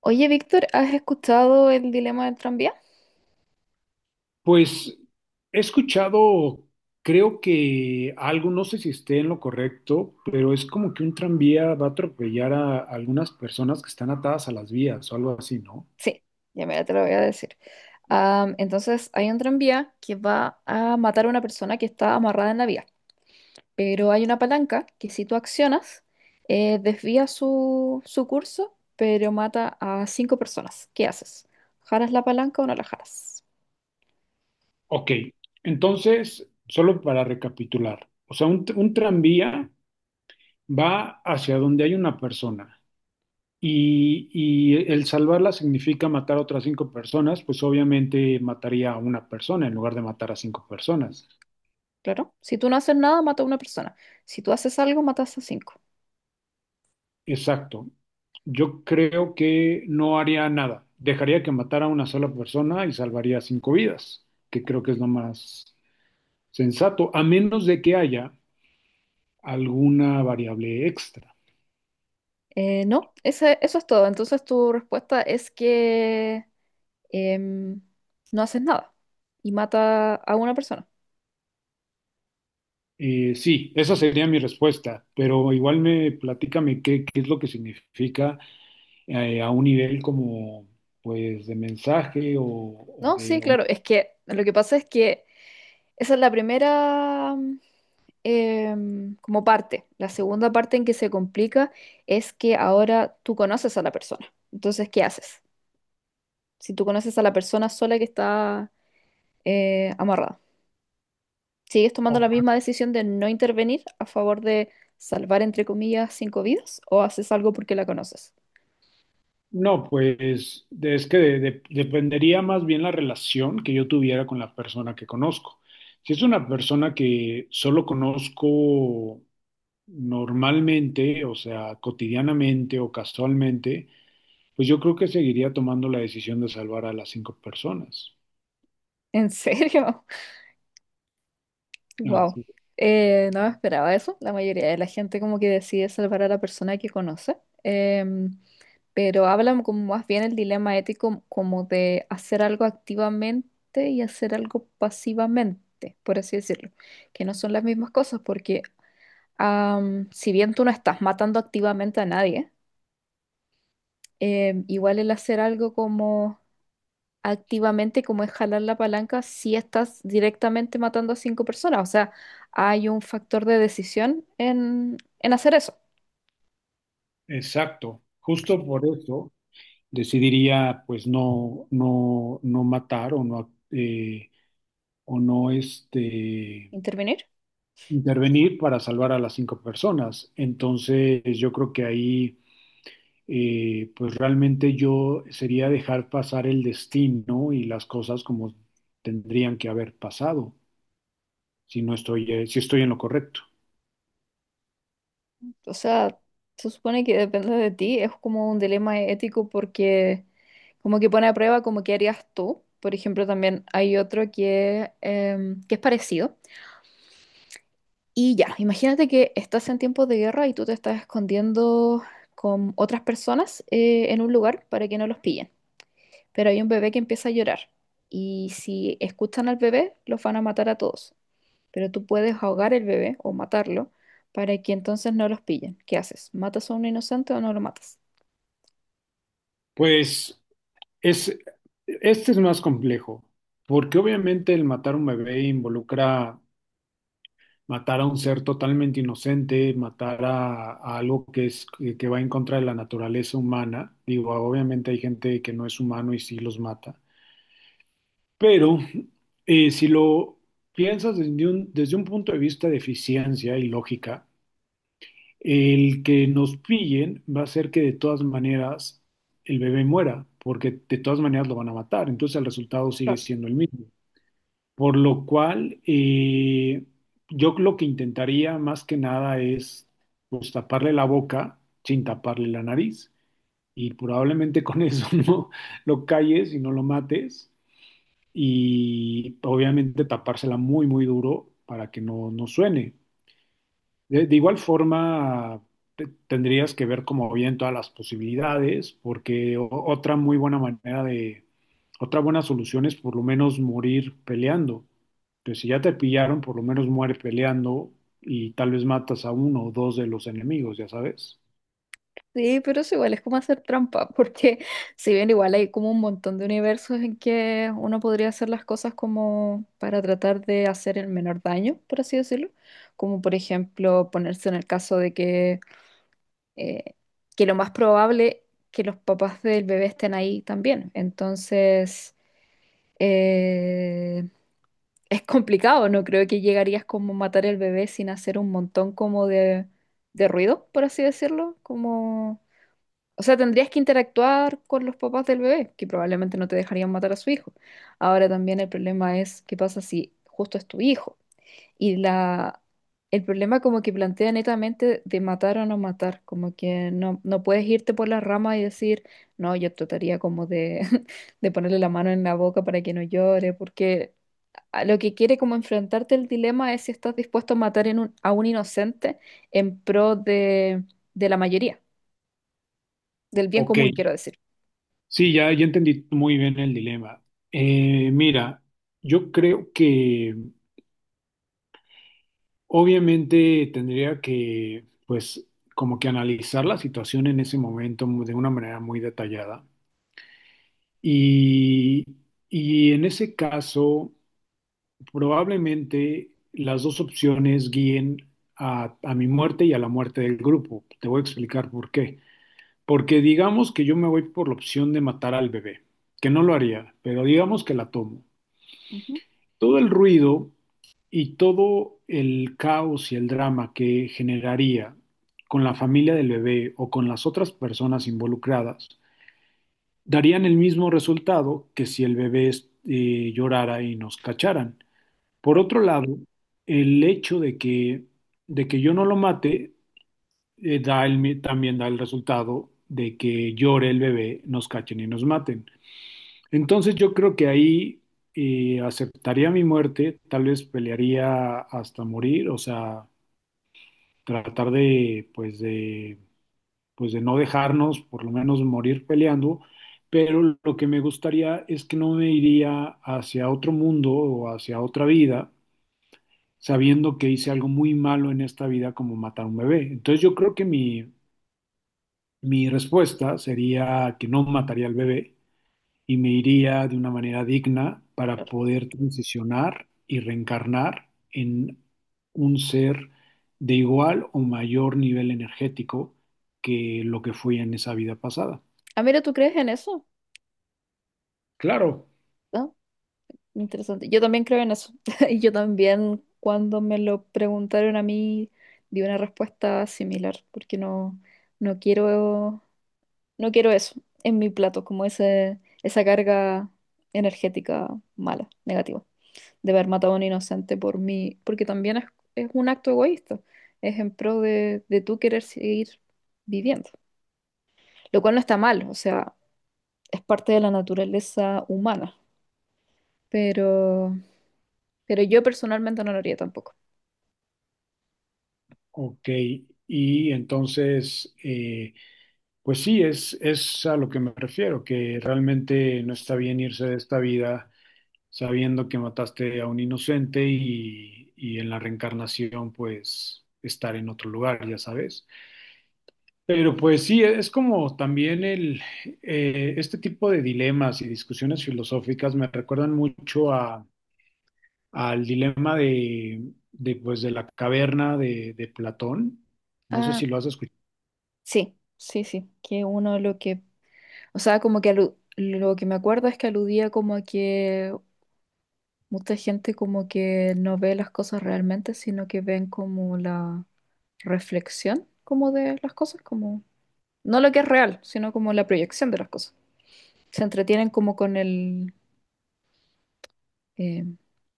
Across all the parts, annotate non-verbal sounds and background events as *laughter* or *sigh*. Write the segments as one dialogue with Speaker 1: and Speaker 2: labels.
Speaker 1: Oye, Víctor, ¿has escuchado el dilema del tranvía?
Speaker 2: Pues he escuchado, creo que algo, no sé si esté en lo correcto, pero es como que un tranvía va a atropellar a algunas personas que están atadas a las vías o algo así, ¿no?
Speaker 1: Sí, ya mira, te lo voy a decir. Entonces, hay un tranvía que va a matar a una persona que está amarrada en la vía, pero hay una palanca que si tú accionas, desvía su curso, pero mata a cinco personas. ¿Qué haces? ¿Jaras la palanca o no la jaras?
Speaker 2: Ok, entonces, solo para recapitular, o sea, un tranvía va hacia donde hay una persona y el salvarla significa matar a otras cinco personas, pues obviamente mataría a una persona en lugar de matar a cinco personas.
Speaker 1: Claro, si tú no haces nada, mata a una persona. Si tú haces algo, matas a cinco.
Speaker 2: Exacto. Yo creo que no haría nada. Dejaría que matara a una sola persona y salvaría cinco vidas, que creo que es lo más sensato, a menos de que haya alguna variable extra.
Speaker 1: No, ese- Eso es todo. Entonces, tu respuesta es que em, no haces nada y mata a una persona.
Speaker 2: Sí, esa sería mi respuesta, pero igual me platícame qué es lo que significa a un nivel como pues de mensaje o
Speaker 1: No, sí,
Speaker 2: de...
Speaker 1: claro, es que lo que pasa es que esa es la primera como parte. La segunda parte en que se complica es que ahora tú conoces a la persona. Entonces, ¿qué haces? Si tú conoces a la persona sola que está amarrada, ¿sigues tomando
Speaker 2: o-
Speaker 1: la misma decisión de no intervenir a favor de salvar, entre comillas, cinco vidas o haces algo porque la conoces?
Speaker 2: No, pues es que dependería más bien la relación que yo tuviera con la persona que conozco. Si es una persona que solo conozco normalmente, o sea, cotidianamente o casualmente, pues yo creo que seguiría tomando la decisión de salvar a las cinco personas.
Speaker 1: ¿En serio? Wow.
Speaker 2: Así,
Speaker 1: No me esperaba eso. La mayoría de la gente como que decide salvar a la persona que conoce. Em, pero hablan como más bien el dilema ético como de hacer algo activamente y hacer algo pasivamente, por así decirlo. Que no son las mismas cosas porque, si bien tú no estás matando activamente a nadie, igual el hacer algo como activamente como es jalar la palanca si estás directamente matando a cinco personas. O sea, hay un factor de decisión en hacer eso,
Speaker 2: exacto. Justo por eso decidiría, pues no, no, no matar eh, o no,
Speaker 1: intervenir.
Speaker 2: intervenir para salvar a las cinco personas. Entonces, yo creo que ahí, pues realmente yo sería dejar pasar el destino y las cosas como tendrían que haber pasado, si estoy en lo correcto.
Speaker 1: O sea, se supone que depende de ti, es como un dilema ético porque como que pone a prueba como qué harías tú. Por ejemplo, también hay otro que, que es parecido. Y ya, imagínate que estás en tiempos de guerra y tú te estás escondiendo con otras personas en un lugar para que no los pillen. Pero hay un bebé que empieza a llorar y si escuchan al bebé, los van a matar a todos, pero tú puedes ahogar el bebé o matarlo para que entonces no los pillen. ¿Qué haces? ¿Matas a un inocente o no lo matas?
Speaker 2: Pues es, este es más complejo, porque obviamente el matar a un bebé involucra matar a un ser totalmente inocente, matar a algo que es que va en contra de la naturaleza humana. Digo, obviamente hay gente que no es humano y sí los mata, pero si lo piensas desde un punto de vista de eficiencia y lógica, el que nos pillen va a ser que de todas maneras el bebé muera, porque de todas maneras lo van a matar, entonces el resultado sigue
Speaker 1: Claro.
Speaker 2: siendo el mismo. Por lo cual, yo lo que intentaría más que nada es pues, taparle la boca sin taparle la nariz. Y probablemente con eso *laughs* no lo calles y no lo mates. Y obviamente tapársela muy, muy duro para que no, no suene. De igual forma, tendrías que ver como bien todas las posibilidades, porque otra muy buena manera de, otra buena solución es por lo menos morir peleando. Entonces, si ya te pillaron, por lo menos muere peleando y tal vez matas a uno o dos de los enemigos, ya sabes.
Speaker 1: Sí, pero es igual, es como hacer trampa, porque *laughs* si bien igual hay como un montón de universos en que uno podría hacer las cosas como para tratar de hacer el menor daño, por así decirlo, como por ejemplo ponerse en el caso de eh, que lo más probable que los papás del bebé estén ahí también. Entonces, eh, es complicado, no creo que llegarías como a matar el bebé sin hacer un montón como de ruido, por así decirlo, como... O sea, tendrías que interactuar con los papás del bebé, que probablemente no te dejarían matar a su hijo. Ahora también el problema es qué pasa si justo es tu hijo. Y el problema como que plantea netamente de matar o no matar, como que no, no puedes irte por las ramas y decir, no, yo trataría como de, *laughs* de ponerle la mano en la boca para que no llore, porque a lo que quiere como enfrentarte el dilema es si estás dispuesto a matar en un- a un inocente en pro de la mayoría, del bien
Speaker 2: Ok,
Speaker 1: común, quiero decir.
Speaker 2: sí, ya, ya entendí muy bien el dilema. Mira, yo creo que obviamente tendría que, pues, como que analizar la situación en ese momento de una manera muy detallada. Y, y en ese caso, probablemente las dos opciones guíen a mi muerte y a la muerte del grupo. Te voy a explicar por qué. Porque digamos que yo me voy por la opción de matar al bebé, que no lo haría, pero digamos que la tomo.
Speaker 1: Ujú.
Speaker 2: Todo el ruido y todo el caos y el drama que generaría con la familia del bebé o con las otras personas involucradas darían el mismo resultado que si el bebé llorara y nos cacharan. Por otro lado, el hecho de que yo no lo mate también da el resultado de que llore el bebé, nos cachen y nos maten. Entonces yo creo que ahí aceptaría mi muerte, tal vez pelearía hasta morir, o sea, tratar de, pues de, pues de no dejarnos, por lo menos morir peleando, pero lo que me gustaría es que no me iría hacia otro mundo o hacia otra vida, sabiendo que hice algo muy malo en esta vida como matar a un bebé. Entonces yo creo que mi respuesta sería que no mataría al bebé y me iría de una manera digna para
Speaker 1: Claro.
Speaker 2: poder transicionar y reencarnar en un ser de igual o mayor nivel energético que lo que fui en esa vida pasada.
Speaker 1: Amira, ¿tú crees en eso?
Speaker 2: Claro,
Speaker 1: ¿No? Interesante. Yo también creo en eso. *laughs* Y yo también, cuando me lo preguntaron a mí, di una respuesta similar, porque no, no quiero, no quiero eso en mi plato, como ese, esa carga energética mala, negativa, de haber matado a un inocente por mí, porque también es un acto egoísta, es en pro de tú querer seguir viviendo, lo cual no está mal, o sea, es parte de la naturaleza humana, pero, pero yo personalmente no lo haría tampoco.
Speaker 2: ok. Y entonces, pues sí, es a lo que me refiero, que realmente no está bien irse de esta vida sabiendo que mataste a un inocente y en la reencarnación, pues estar en otro lugar, ya sabes. Pero pues sí, es como también el, este tipo de dilemas y discusiones filosóficas me recuerdan mucho a, al dilema pues, de la caverna de Platón. No sé
Speaker 1: Ah,
Speaker 2: si lo has escuchado.
Speaker 1: sí, sí, sí, que uno lo que, o sea, como que alu- lo que me acuerdo es que aludía como a que mucha gente como que no ve las cosas realmente, sino que ven como la reflexión como de las cosas, como no lo que es real, sino como la proyección de las cosas. Se entretienen como con el... eh,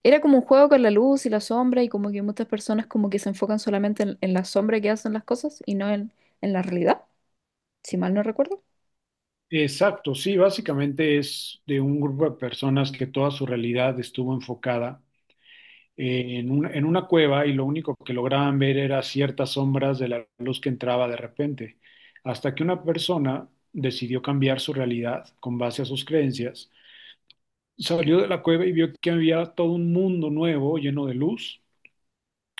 Speaker 1: era como un juego con la luz y la sombra y como que muchas personas como que se enfocan solamente en la sombra que hacen las cosas y no en la realidad, si mal no recuerdo.
Speaker 2: Exacto, sí, básicamente es de un grupo de personas que toda su realidad estuvo enfocada en en una cueva y lo único que lograban ver era ciertas sombras de la luz que entraba de repente, hasta que una persona decidió cambiar su realidad con base a sus creencias. Salió de la cueva y vio que había todo un mundo nuevo lleno de luz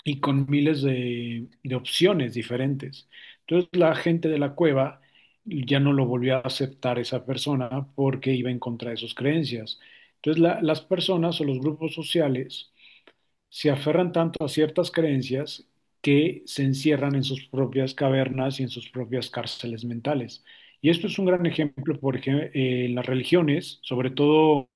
Speaker 2: y con miles de opciones diferentes. Entonces la gente de la cueva ya no lo volvió a aceptar esa persona porque iba en contra de sus creencias. Entonces las personas o los grupos sociales se aferran tanto a ciertas creencias que se encierran en sus propias cavernas y en sus propias cárceles mentales. Y esto es un gran ejemplo, por ejemplo, en las religiones, sobre todo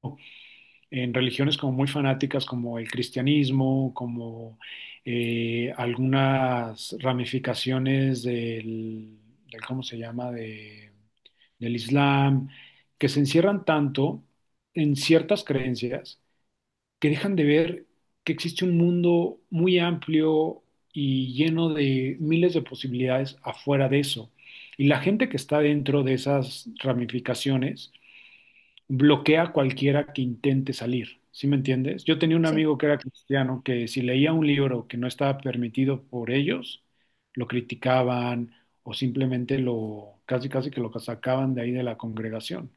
Speaker 2: en religiones como muy fanáticas, como el cristianismo, como algunas ramificaciones ¿cómo se llama?, del Islam, que se encierran tanto en ciertas creencias que dejan de ver que existe un mundo muy amplio y lleno de miles de posibilidades afuera de eso. Y la gente que está dentro de esas ramificaciones bloquea a cualquiera que intente salir. ¿Sí me entiendes? Yo tenía un
Speaker 1: Sí.
Speaker 2: amigo que era cristiano que si leía un libro que no estaba permitido por ellos, lo criticaban o simplemente lo casi casi que lo sacaban de ahí de la congregación.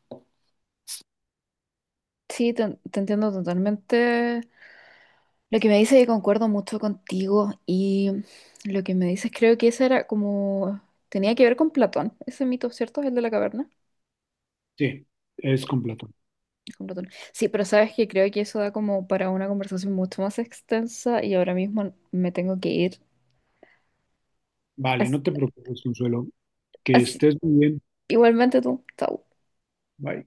Speaker 1: Sí, te entiendo totalmente. Lo que me dices y concuerdo mucho contigo y lo que me dices creo que ese era como... Tenía que ver con Platón, ese mito, ¿cierto? El de la caverna.
Speaker 2: Sí, es
Speaker 1: Sí.
Speaker 2: completo.
Speaker 1: Con Platón. Sí, pero sabes que creo que eso da como para una conversación mucho más extensa y ahora mismo me tengo que ir.
Speaker 2: Vale,
Speaker 1: Así,
Speaker 2: no te
Speaker 1: sí.
Speaker 2: preocupes, Consuelo. Que
Speaker 1: Así-
Speaker 2: estés muy bien.
Speaker 1: igualmente tú, chao.
Speaker 2: Bye.